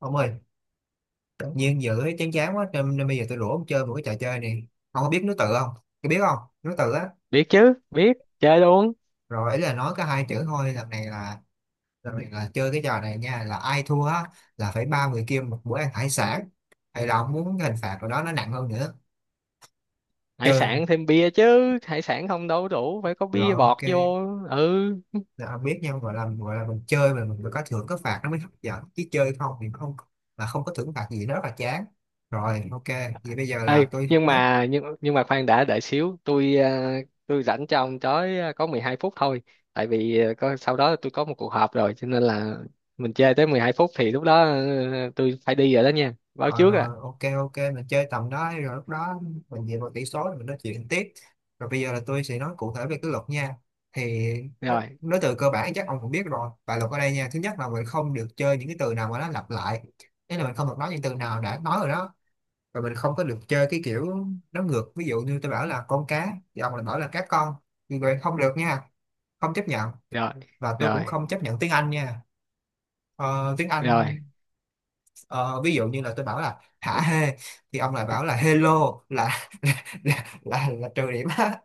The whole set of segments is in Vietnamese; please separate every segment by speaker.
Speaker 1: Ông ơi, tự nhiên dự thấy chán chán quá nên bây giờ tôi rủ ông chơi một cái trò chơi này. Ông có biết nối tự không? Tôi biết không? Nối tự á.
Speaker 2: Biết chứ, biết. Chơi luôn.
Speaker 1: Rồi ấy là nói có hai chữ thôi, lần này là chơi cái trò này nha, là ai thua á là phải bao người kia một bữa ăn hải sản. Hay là ông muốn cái hình phạt của đó nó nặng hơn nữa.
Speaker 2: Hải
Speaker 1: Chơi không?
Speaker 2: sản thêm bia chứ, hải sản không đâu đủ, phải có
Speaker 1: Rồi
Speaker 2: bia bọt
Speaker 1: ok.
Speaker 2: vô. Ừ.
Speaker 1: Là ông biết nhau gọi là mình chơi mà mình phải có thưởng có phạt nó mới hấp dẫn, chứ chơi không thì không là không có thưởng phạt gì nó rất là chán. Rồi ok, vậy bây giờ
Speaker 2: Ê,
Speaker 1: là tôi.
Speaker 2: nhưng mà khoan đã, đợi xíu tôi à, tôi rảnh cho ông tới à, có 12 phút thôi. Tại vì à, có sau đó tôi có một cuộc họp rồi cho nên là mình chơi tới 12 phút thì lúc đó tôi phải đi rồi đó nha, báo
Speaker 1: Rồi
Speaker 2: trước à.
Speaker 1: rồi, ok ok, mình chơi tầm đó đi, rồi lúc đó mình dựa vào tỷ số rồi mình nói chuyện tiếp. Rồi bây giờ là tôi sẽ nói cụ thể về cái luật nha. Thì nó-
Speaker 2: Rồi,
Speaker 1: nói từ cơ bản chắc ông cũng biết rồi, và luật ở đây nha, thứ nhất là mình không được chơi những cái từ nào mà nó lặp lại, nên là mình không được nói những từ nào đã nói rồi đó. Và mình không có được chơi cái kiểu nó ngược, ví dụ như tôi bảo là con cá thì ông lại bảo là cá con, như vậy không được nha, không chấp nhận.
Speaker 2: rồi,
Speaker 1: Và tôi cũng
Speaker 2: rồi,
Speaker 1: không chấp nhận tiếng Anh nha. Tiếng Anh.
Speaker 2: rồi,
Speaker 1: Ờ, ví dụ như là tôi bảo là hả hê, thì ông lại bảo là hello, là là trừ điểm á.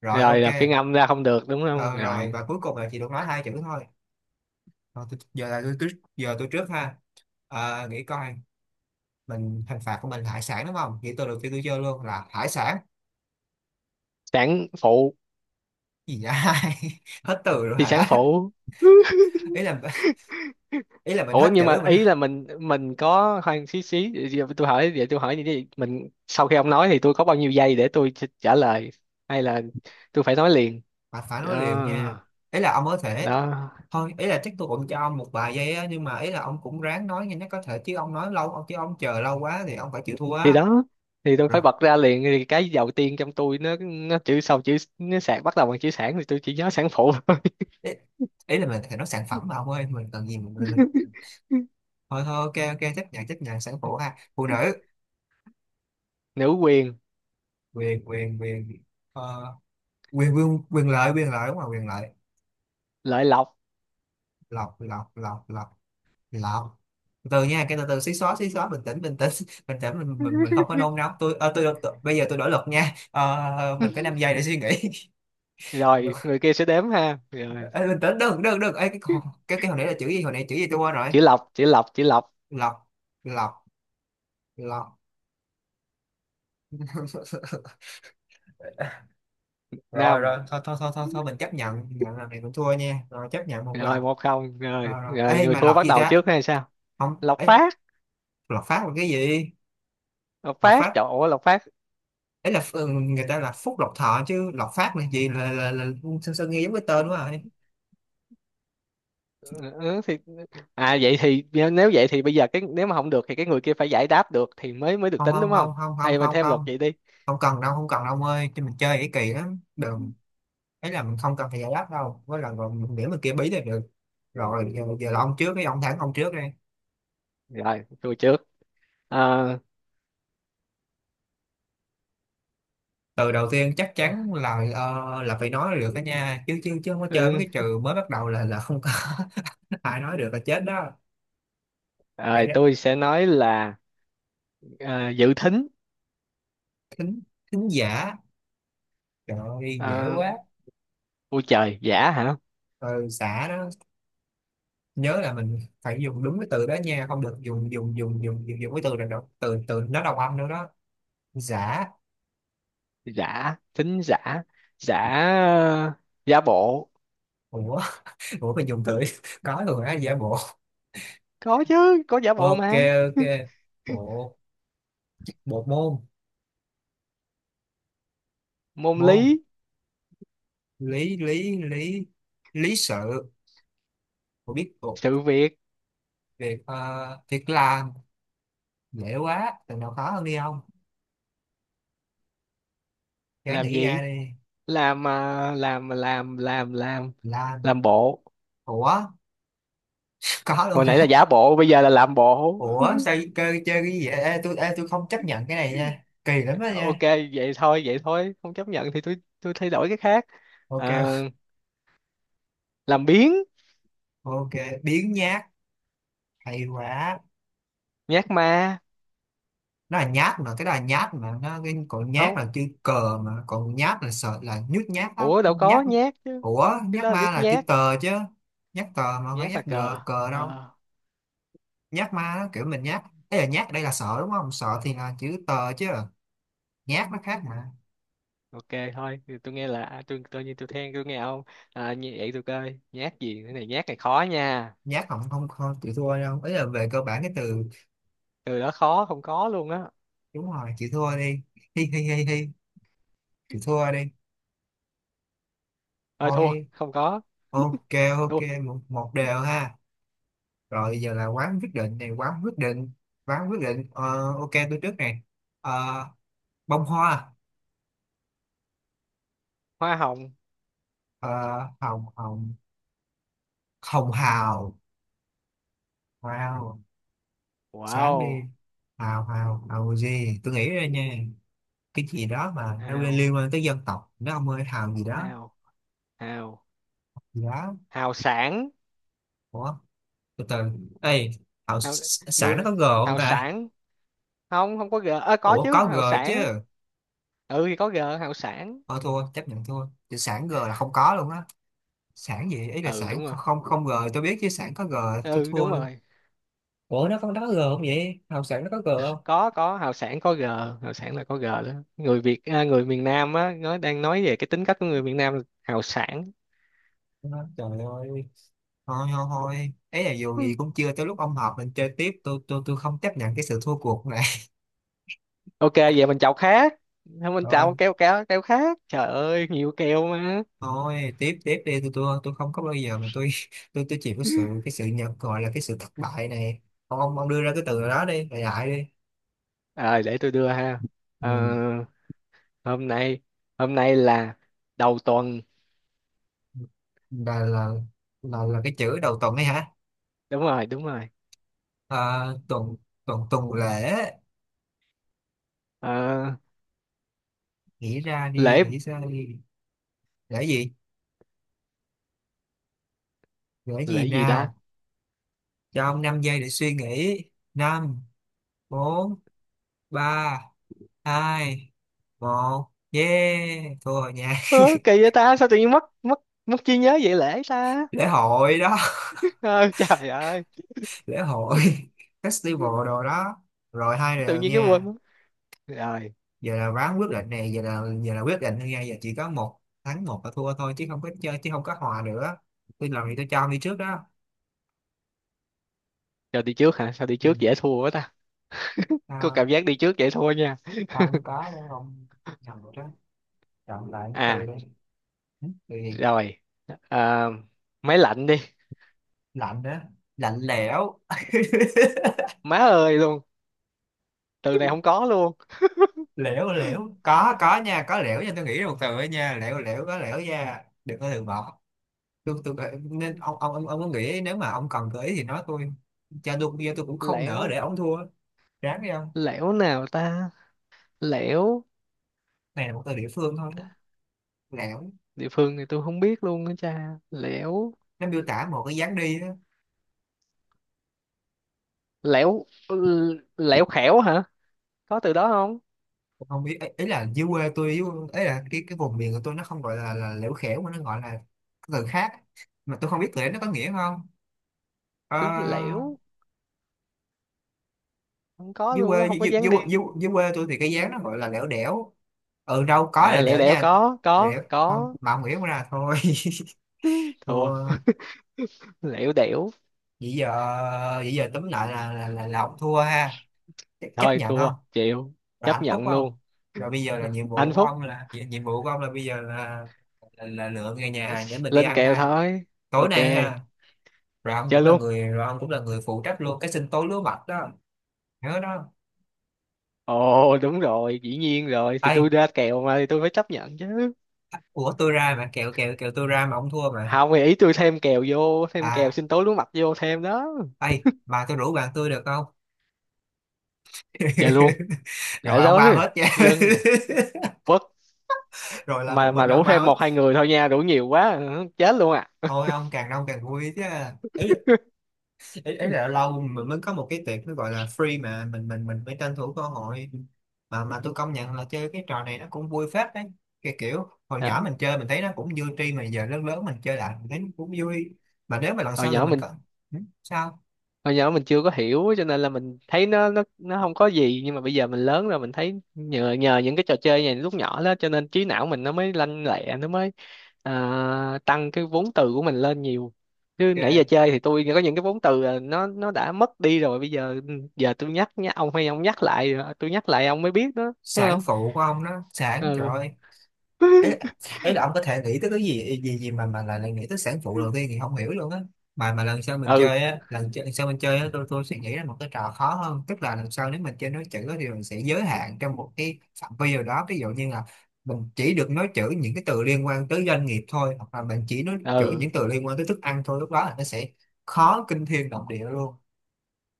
Speaker 1: Rồi
Speaker 2: rồi.
Speaker 1: ok.
Speaker 2: Là phiên âm ra không được, đúng không?
Speaker 1: Ờ, rồi
Speaker 2: Rồi.
Speaker 1: và cuối cùng là chỉ được nói hai chữ thôi. Rồi, tôi, giờ là tôi giờ tôi trước ha. Nghĩ coi, mình hình phạt của mình là hải sản đúng không, nghĩ từ đầu tiên tôi chơi luôn là hải sản.
Speaker 2: Sản phụ.
Speaker 1: Gì vậy? Hết từ rồi
Speaker 2: Thì sản
Speaker 1: hả?
Speaker 2: phụ.
Speaker 1: Ý là ý là mình
Speaker 2: Ủa
Speaker 1: hết chữ
Speaker 2: nhưng mà
Speaker 1: rồi mình
Speaker 2: ý là mình có khoan, xí xí vậy, tôi hỏi như thế này, mình sau khi ông nói thì tôi có bao nhiêu giây để tôi trả lời, hay là tôi phải nói liền?
Speaker 1: phải phải
Speaker 2: Đó.
Speaker 1: nói liền nha. Ý là ông có thể,
Speaker 2: Đó.
Speaker 1: thôi ý là chắc tôi cũng cho ông một vài giây á, nhưng mà ý là ông cũng ráng nói nhanh nhất có thể, chứ ông nói lâu ông, chứ ông chờ lâu quá thì ông phải chịu thua
Speaker 2: Thì
Speaker 1: á.
Speaker 2: đó, thì tôi phải
Speaker 1: Rồi
Speaker 2: bật ra liền, thì cái đầu tiên trong tôi nó chữ sau chữ nó sạc bắt đầu bằng chữ sản thì tôi chỉ nhớ sản phụ thôi.
Speaker 1: ý, ý là mình phải nói sản phẩm mà ông ơi mình cần gì mình. Thôi thôi, ok ok, chấp nhận sản phụ ha, phụ nữ.
Speaker 2: Nữ quyền.
Speaker 1: Quyền quyền quyền. Ờ, quyền quyền quyền lợi, quyền lợi đúng không, quyền lợi.
Speaker 2: Lợi lộc.
Speaker 1: Lọc lọc lọc lọc. Lọc. Từ từ nha, cái từ từ, xí xóa xí xóa, bình tĩnh bình tĩnh. Bình tĩnh, mình không có nôn nóng. Tôi bây giờ tôi đổi luật nha. Ờ, mình có 5 giây để suy nghĩ.
Speaker 2: Rồi, người kia sẽ đếm ha? Rồi.
Speaker 1: Ê, bình tĩnh, đừng đừng đừng. Ê, cái con- cái hồi nãy là chữ gì, hồi nãy chữ gì tôi quên rồi.
Speaker 2: Chữ lộc, chữ lộc, chữ lộc.
Speaker 1: Lọc. Lọc. Lọc. Rồi
Speaker 2: Năm.
Speaker 1: rồi, thôi thôi thôi thôi, thôi mình chấp nhận nhận lần này cũng thua nha, rồi chấp nhận một lần.
Speaker 2: Rồi, 1-0. Rồi
Speaker 1: Rồi rồi,
Speaker 2: rồi,
Speaker 1: ê,
Speaker 2: người
Speaker 1: mà
Speaker 2: thua
Speaker 1: lọc
Speaker 2: bắt
Speaker 1: gì
Speaker 2: đầu
Speaker 1: ta.
Speaker 2: trước hay sao?
Speaker 1: Không
Speaker 2: Lộc
Speaker 1: ấy.
Speaker 2: Phát.
Speaker 1: Lọc phát là cái gì?
Speaker 2: Lộc
Speaker 1: Lọc
Speaker 2: Phát,
Speaker 1: phát.
Speaker 2: trời ơi Lộc Phát.
Speaker 1: Ấy là, người ta là phúc lộc thọ chứ lộc phát là gì, sơn, sao nghe giống cái tên quá rồi.
Speaker 2: Ừ, ừ, ừ, thì... À, vậy thì nếu vậy thì bây giờ cái nếu mà không được thì cái người kia phải giải đáp được thì mới mới được
Speaker 1: Không
Speaker 2: tính,
Speaker 1: không
Speaker 2: đúng không?
Speaker 1: không không không
Speaker 2: Hay mình
Speaker 1: không
Speaker 2: thêm luật
Speaker 1: không,
Speaker 2: vậy đi.
Speaker 1: không cần đâu, không cần đâu ông ơi, chứ mình chơi cái kỳ lắm, đừng. Thế là mình không cần phải giải đáp đâu, với là rồi mình điểm mình kia bí là được. Rồi giờ là ông trước, cái ông thẳng ông trước đây.
Speaker 2: Rồi, tôi trước. Ờ,
Speaker 1: Từ đầu tiên chắc chắn là, là phải nói được đó nha, chứ chứ chứ không có chơi mấy
Speaker 2: ừ,
Speaker 1: cái trừ mới bắt đầu là không có. Ai nói được là chết đó. Vậy
Speaker 2: rồi
Speaker 1: đó.
Speaker 2: tôi sẽ nói là ờ, dự thính.
Speaker 1: Thính. Thính giả. Trời ơi dễ
Speaker 2: Ờ,
Speaker 1: quá.
Speaker 2: ôi trời, giả hả?
Speaker 1: Ừ, xả đó. Nhớ là mình phải dùng đúng cái từ đó nha, không được dùng dùng dùng dùng dùng, dùng cái từ này đâu, từ từ nó đồng âm nữa đó. Giả.
Speaker 2: Giả thính giả. Giả. ờ, Giả bộ.
Speaker 1: Ủa. Ủa mình dùng từ có rồi á, giả bộ.
Speaker 2: Có chứ, có giả bộ
Speaker 1: Ok.
Speaker 2: mà.
Speaker 1: Ok. Bộ. Bộ môn.
Speaker 2: Môn
Speaker 1: Môn.
Speaker 2: lý.
Speaker 1: Lý lý lý. Lý sự. Tôi biết thuộc.
Speaker 2: Sự việc.
Speaker 1: Việc uh, việc làm. Dễ quá, từ nào khó hơn đi không, ráng
Speaker 2: Làm
Speaker 1: nghĩ ra
Speaker 2: gì?
Speaker 1: đi.
Speaker 2: Làm à, làm làm
Speaker 1: Làm.
Speaker 2: làm bộ.
Speaker 1: Ủa. Có luôn
Speaker 2: Hồi nãy là
Speaker 1: hả?
Speaker 2: giả bộ, bây giờ là làm bộ.
Speaker 1: Ủa sao chơi chơi cái gì vậy, ê, tôi không chấp nhận cái này nha, kỳ lắm đó
Speaker 2: Ok.
Speaker 1: nha.
Speaker 2: Vậy thôi, vậy thôi, không chấp nhận thì tôi thay đổi cái khác.
Speaker 1: Ok.
Speaker 2: Ờ, làm biếng.
Speaker 1: Ok. Biến nhát. Hay quá.
Speaker 2: Nhát ma.
Speaker 1: Nó là nhát mà, cái đó là nhát mà, nó cái còn nhát
Speaker 2: Không.
Speaker 1: là chữ cờ mà, còn nhát là sợ là nhút nhát á
Speaker 2: Ủa đâu có
Speaker 1: nhát.
Speaker 2: nhát chứ,
Speaker 1: Ủa
Speaker 2: cái đó
Speaker 1: nhát
Speaker 2: là
Speaker 1: ma
Speaker 2: nhút
Speaker 1: là chữ
Speaker 2: nhát,
Speaker 1: tờ chứ, nhát tờ mà không phải
Speaker 2: nhát là
Speaker 1: nhát gờ
Speaker 2: cờ.
Speaker 1: cờ đâu.
Speaker 2: Ờ,
Speaker 1: Nhát ma nó kiểu mình nhát. Ấy là nhát ở đây là sợ đúng không, sợ thì là chữ tờ chứ, nhát nó khác mà.
Speaker 2: ok. Thôi thì tôi nghe là tôi tự nhiên tôi than tôi nghe ông, như vậy tôi coi nhát gì, cái này nhát này khó nha.
Speaker 1: Nhát. Không không không, chịu thua đâu, ấy là về cơ bản cái từ.
Speaker 2: Từ đó khó, không có luôn á.
Speaker 1: Đúng rồi, chịu thua đi. Hi hi hi hi. Chịu thua đi.
Speaker 2: Ơi, thua
Speaker 1: Thôi.
Speaker 2: không có.
Speaker 1: Ok. Ok.
Speaker 2: Thua.
Speaker 1: Một, một đều ha. Rồi bây giờ là quán quyết định này quán quyết định quán quyết định. Ờ, ok tôi trước này. Ờ, bông hoa.
Speaker 2: Hoa hồng.
Speaker 1: Ờ, hồng hồng hồng hào. Wow. Sáng đi.
Speaker 2: Wow.
Speaker 1: Hào hào hào gì tôi nghĩ ra nha, cái gì đó mà nó liên
Speaker 2: hào
Speaker 1: liên quan tới dân tộc nó, ông ơi hào gì đó.
Speaker 2: hào hào
Speaker 1: Gì đó.
Speaker 2: Hào sản.
Speaker 1: Ủa. Từ từ. Ê hào
Speaker 2: Hào,
Speaker 1: sản nó
Speaker 2: người.
Speaker 1: có g không
Speaker 2: Hào
Speaker 1: ta.
Speaker 2: sản. Không, không có g. Ơ, có
Speaker 1: Ủa
Speaker 2: chứ,
Speaker 1: có g
Speaker 2: hào
Speaker 1: chứ.
Speaker 2: sản. Ừ thì có g, hào sản.
Speaker 1: Thôi thua, chấp nhận thua, chữ sản g là không có luôn á. Sản gì, ý là
Speaker 2: Ừ
Speaker 1: sản
Speaker 2: đúng rồi,
Speaker 1: không, không g tôi biết chứ sản có g. Tôi
Speaker 2: ừ
Speaker 1: thua
Speaker 2: đúng
Speaker 1: luôn.
Speaker 2: rồi.
Speaker 1: Ủa nó có g không vậy, học sản nó có g không.
Speaker 2: Có, hào sản có g. Hào sản là có g đó. Người Việt, người miền Nam á, nó đang nói về cái tính cách của người miền Nam là hào sản.
Speaker 1: Đó, trời ơi thôi. Thôi thôi ấy là dù gì
Speaker 2: Ừ.
Speaker 1: cũng chưa tới lúc ông họp, mình chơi tiếp, tôi không chấp nhận cái sự thua cuộc này.
Speaker 2: Ok, vậy mình chào khác. Không, mình
Speaker 1: Thôi
Speaker 2: chào keo keo keo khác, trời ơi nhiều keo mà.
Speaker 1: thôi, tiếp tiếp đi, tôi không có bao giờ mà tôi tôi chịu cái sự nhận, gọi là cái sự thất bại này. Ông đưa ra cái từ đó đi, đại đại đi.
Speaker 2: Rồi để tôi đưa ha. Ờ,
Speaker 1: Ừ.
Speaker 2: hôm nay. Hôm nay là đầu tuần.
Speaker 1: là là là cái chữ đầu tuần ấy hả.
Speaker 2: Đúng rồi, đúng rồi.
Speaker 1: À, tuần tuần tuần lễ.
Speaker 2: Ờ,
Speaker 1: Nghĩ ra đi,
Speaker 2: lễ.
Speaker 1: nghĩ ra đi. Gửi gì? Gửi gì
Speaker 2: Lễ gì ta?
Speaker 1: nào? Cho ông 5 giây để suy nghĩ. Năm. Bốn. Ba. Hai. Một, yeah thua rồi nha.
Speaker 2: Ơ, kỳ vậy ta, sao tự nhiên mất mất mất trí nhớ vậy, lễ ta.
Speaker 1: Lễ hội đó.
Speaker 2: Ờ, trời ơi.
Speaker 1: Lễ hội. Festival đồ đó. Rồi hai
Speaker 2: Tự
Speaker 1: đều
Speaker 2: nhiên cái quên
Speaker 1: nha.
Speaker 2: mất. Rồi.
Speaker 1: Giờ là ván quyết định này, giờ là quyết định thôi nha, giờ chỉ có một thắng một là thua thôi, chứ không có chơi, chứ không có hòa nữa. Tôi làm gì, tôi cho ông đi trước đó.
Speaker 2: Rồi, đi trước hả? Sao đi
Speaker 1: Ừ.
Speaker 2: trước dễ thua quá ta. Có
Speaker 1: À,
Speaker 2: cảm giác đi trước dễ thua nha.
Speaker 1: không có đâu ông. Nhầm rồi đó. Chọn lại từ
Speaker 2: À.
Speaker 1: đây. Ừ, từ gì.
Speaker 2: Rồi. à, Máy lạnh đi.
Speaker 1: Lạnh đó. Lạnh lẽo.
Speaker 2: Má ơi luôn, từ này không có luôn.
Speaker 1: Lẽo lẽo có nha, có lẽo nha, tôi nghĩ ra một từ ấy nha, lẽo lẽo có lẽo nha, đừng có từ bỏ. Tôi nên ông có nghĩ nếu mà ông cần gợi ý thì nói tôi, cho tôi giờ tôi cũng không nỡ
Speaker 2: Lẻo,
Speaker 1: để ông thua. Ráng đi ông.
Speaker 2: lẻo nào ta? Lẻo.
Speaker 1: Này là một từ địa phương thôi. Lẽo.
Speaker 2: Địa phương này tôi không biết luôn á cha, lẻo.
Speaker 1: Nó miêu tả một cái dáng đi đó.
Speaker 2: Lẻo, lẻo khẻo hả? Có từ đó không?
Speaker 1: Tôi không biết ý là dưới quê tôi ý là cái vùng miền của tôi nó không gọi là lẽo khẽo, mà nó gọi là cái từ khác mà tôi không biết từ đấy nó có nghĩa không. Ờ,
Speaker 2: Lẻo, không có
Speaker 1: dưới
Speaker 2: luôn á,
Speaker 1: quê
Speaker 2: không có
Speaker 1: dưới,
Speaker 2: dáng
Speaker 1: dưới,
Speaker 2: đi.
Speaker 1: dưới, dưới quê tôi thì cái giá nó gọi là lẻo đẻo. Ừ đâu có lẻo
Speaker 2: À liễu
Speaker 1: đẻo
Speaker 2: đẻo,
Speaker 1: nha. Lẻo
Speaker 2: có
Speaker 1: đẻo không
Speaker 2: có.
Speaker 1: mà ông nghĩ ra thôi.
Speaker 2: Thua.
Speaker 1: Thua.
Speaker 2: Lẻo đẻo.
Speaker 1: Vậy giờ vậy giờ túm lại là ông thua ha. Ch- chấp
Speaker 2: Thôi
Speaker 1: nhận
Speaker 2: thua
Speaker 1: không?
Speaker 2: chịu.
Speaker 1: Rồi hạnh
Speaker 2: Chấp
Speaker 1: phúc
Speaker 2: nhận
Speaker 1: không?
Speaker 2: luôn.
Speaker 1: Rồi bây giờ
Speaker 2: Ừ.
Speaker 1: là nhiệm vụ
Speaker 2: Anh
Speaker 1: của
Speaker 2: phúc.
Speaker 1: ông, là nhiệm nhiệm vụ của ông là bây giờ là là lựa cái nhà hàng để mình đi
Speaker 2: Lên
Speaker 1: ăn
Speaker 2: kèo
Speaker 1: ha,
Speaker 2: thôi.
Speaker 1: tối
Speaker 2: Ok.
Speaker 1: nay ha. Rồi ông
Speaker 2: Chơi
Speaker 1: cũng là
Speaker 2: luôn.
Speaker 1: người rồi ông cũng là người phụ trách luôn cái sinh tố lúa mạch đó. Nhớ đó.
Speaker 2: Ồ đúng rồi, dĩ nhiên rồi, thì
Speaker 1: Ê,
Speaker 2: tôi ra kèo mà thì tôi phải chấp nhận chứ.
Speaker 1: ủa tôi ra mà kẹo kẹo kẹo, tôi ra mà ông thua mà.
Speaker 2: Không, thì ý tôi thêm kèo vô, thêm kèo
Speaker 1: À.
Speaker 2: sinh tố lúa mạch vô thêm đó.
Speaker 1: Ê, bà tôi rủ bạn tôi được không?
Speaker 2: Chơi luôn.
Speaker 1: Rồi
Speaker 2: Để
Speaker 1: ông
Speaker 2: đó.
Speaker 1: bao hết nha.
Speaker 2: Dân. Quất.
Speaker 1: Rồi là một
Speaker 2: Mà
Speaker 1: mình ông
Speaker 2: rủ
Speaker 1: bao
Speaker 2: thêm
Speaker 1: hết.
Speaker 2: một hai người thôi nha, rủ nhiều quá ừ chết luôn à.
Speaker 1: Thôi ông càng đông càng vui chứ. Ý, ý là lâu mình mới có một cái tiệc nó gọi là free mà mình phải tranh thủ cơ hội. Mà tôi công nhận là chơi cái trò này nó cũng vui phết đấy. Cái kiểu hồi nhỏ
Speaker 2: Đó.
Speaker 1: mình chơi mình thấy nó cũng vui tri, mà giờ lớn lớn mình chơi lại mình thấy nó cũng vui. Mà nếu mà lần
Speaker 2: hồi
Speaker 1: sau tụi
Speaker 2: nhỏ
Speaker 1: mình
Speaker 2: mình
Speaker 1: có. Ừ, sao?
Speaker 2: Hồi nhỏ mình chưa có hiểu cho nên là mình thấy nó không có gì, nhưng mà bây giờ mình lớn rồi mình thấy nhờ nhờ những cái trò chơi này lúc nhỏ đó cho nên trí não mình nó mới lanh lẹ, nó mới tăng cái vốn từ của mình lên nhiều, chứ nãy giờ
Speaker 1: Kìa.
Speaker 2: chơi thì tôi có những cái vốn từ là nó đã mất đi rồi bây giờ. Ừ, giờ tôi nhắc nhá ông, hay ông nhắc lại rồi, tôi nhắc lại ông mới biết đó, thấy
Speaker 1: Sản
Speaker 2: không?
Speaker 1: phụ của ông đó, sản trời
Speaker 2: Ừ.
Speaker 1: ơi, ấy ấy là ông có thể nghĩ tới cái gì gì gì mà lại lại nghĩ tới sản phụ đầu tiên thì không hiểu luôn á. Mà lần sau mình
Speaker 2: Ừ,
Speaker 1: chơi á, lần sau mình chơi á tôi suy nghĩ ra một cái trò khó hơn, tức là lần sau nếu mình chơi nói chữ á, thì mình sẽ giới hạn trong một cái phạm vi nào đó, ví dụ như là mình chỉ được nói chữ những cái từ liên quan tới doanh nghiệp thôi, hoặc là mình chỉ nói chữ
Speaker 2: ừ.
Speaker 1: những từ liên quan tới thức ăn thôi, lúc đó là nó sẽ khó kinh thiên động địa luôn.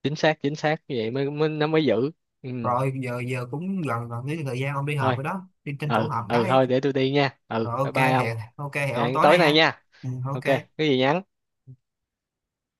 Speaker 2: Chính xác, chính xác, như vậy mới, mới nó mới giữ. Ừ
Speaker 1: Rồi giờ giờ cũng gần gần cái thời gian ông đi họp
Speaker 2: thôi.
Speaker 1: rồi đó, đi tranh thủ
Speaker 2: Ừ,
Speaker 1: họp
Speaker 2: ừ
Speaker 1: cái.
Speaker 2: thôi, để tôi đi nha. Ừ,
Speaker 1: Rồi
Speaker 2: bye
Speaker 1: ok
Speaker 2: bye ông.
Speaker 1: hẹn ok hẹn ông
Speaker 2: Hẹn
Speaker 1: tối
Speaker 2: tối
Speaker 1: nay
Speaker 2: nay
Speaker 1: ha.
Speaker 2: nha.
Speaker 1: Ừ,
Speaker 2: Ok. Cái
Speaker 1: ok.
Speaker 2: gì, nhắn.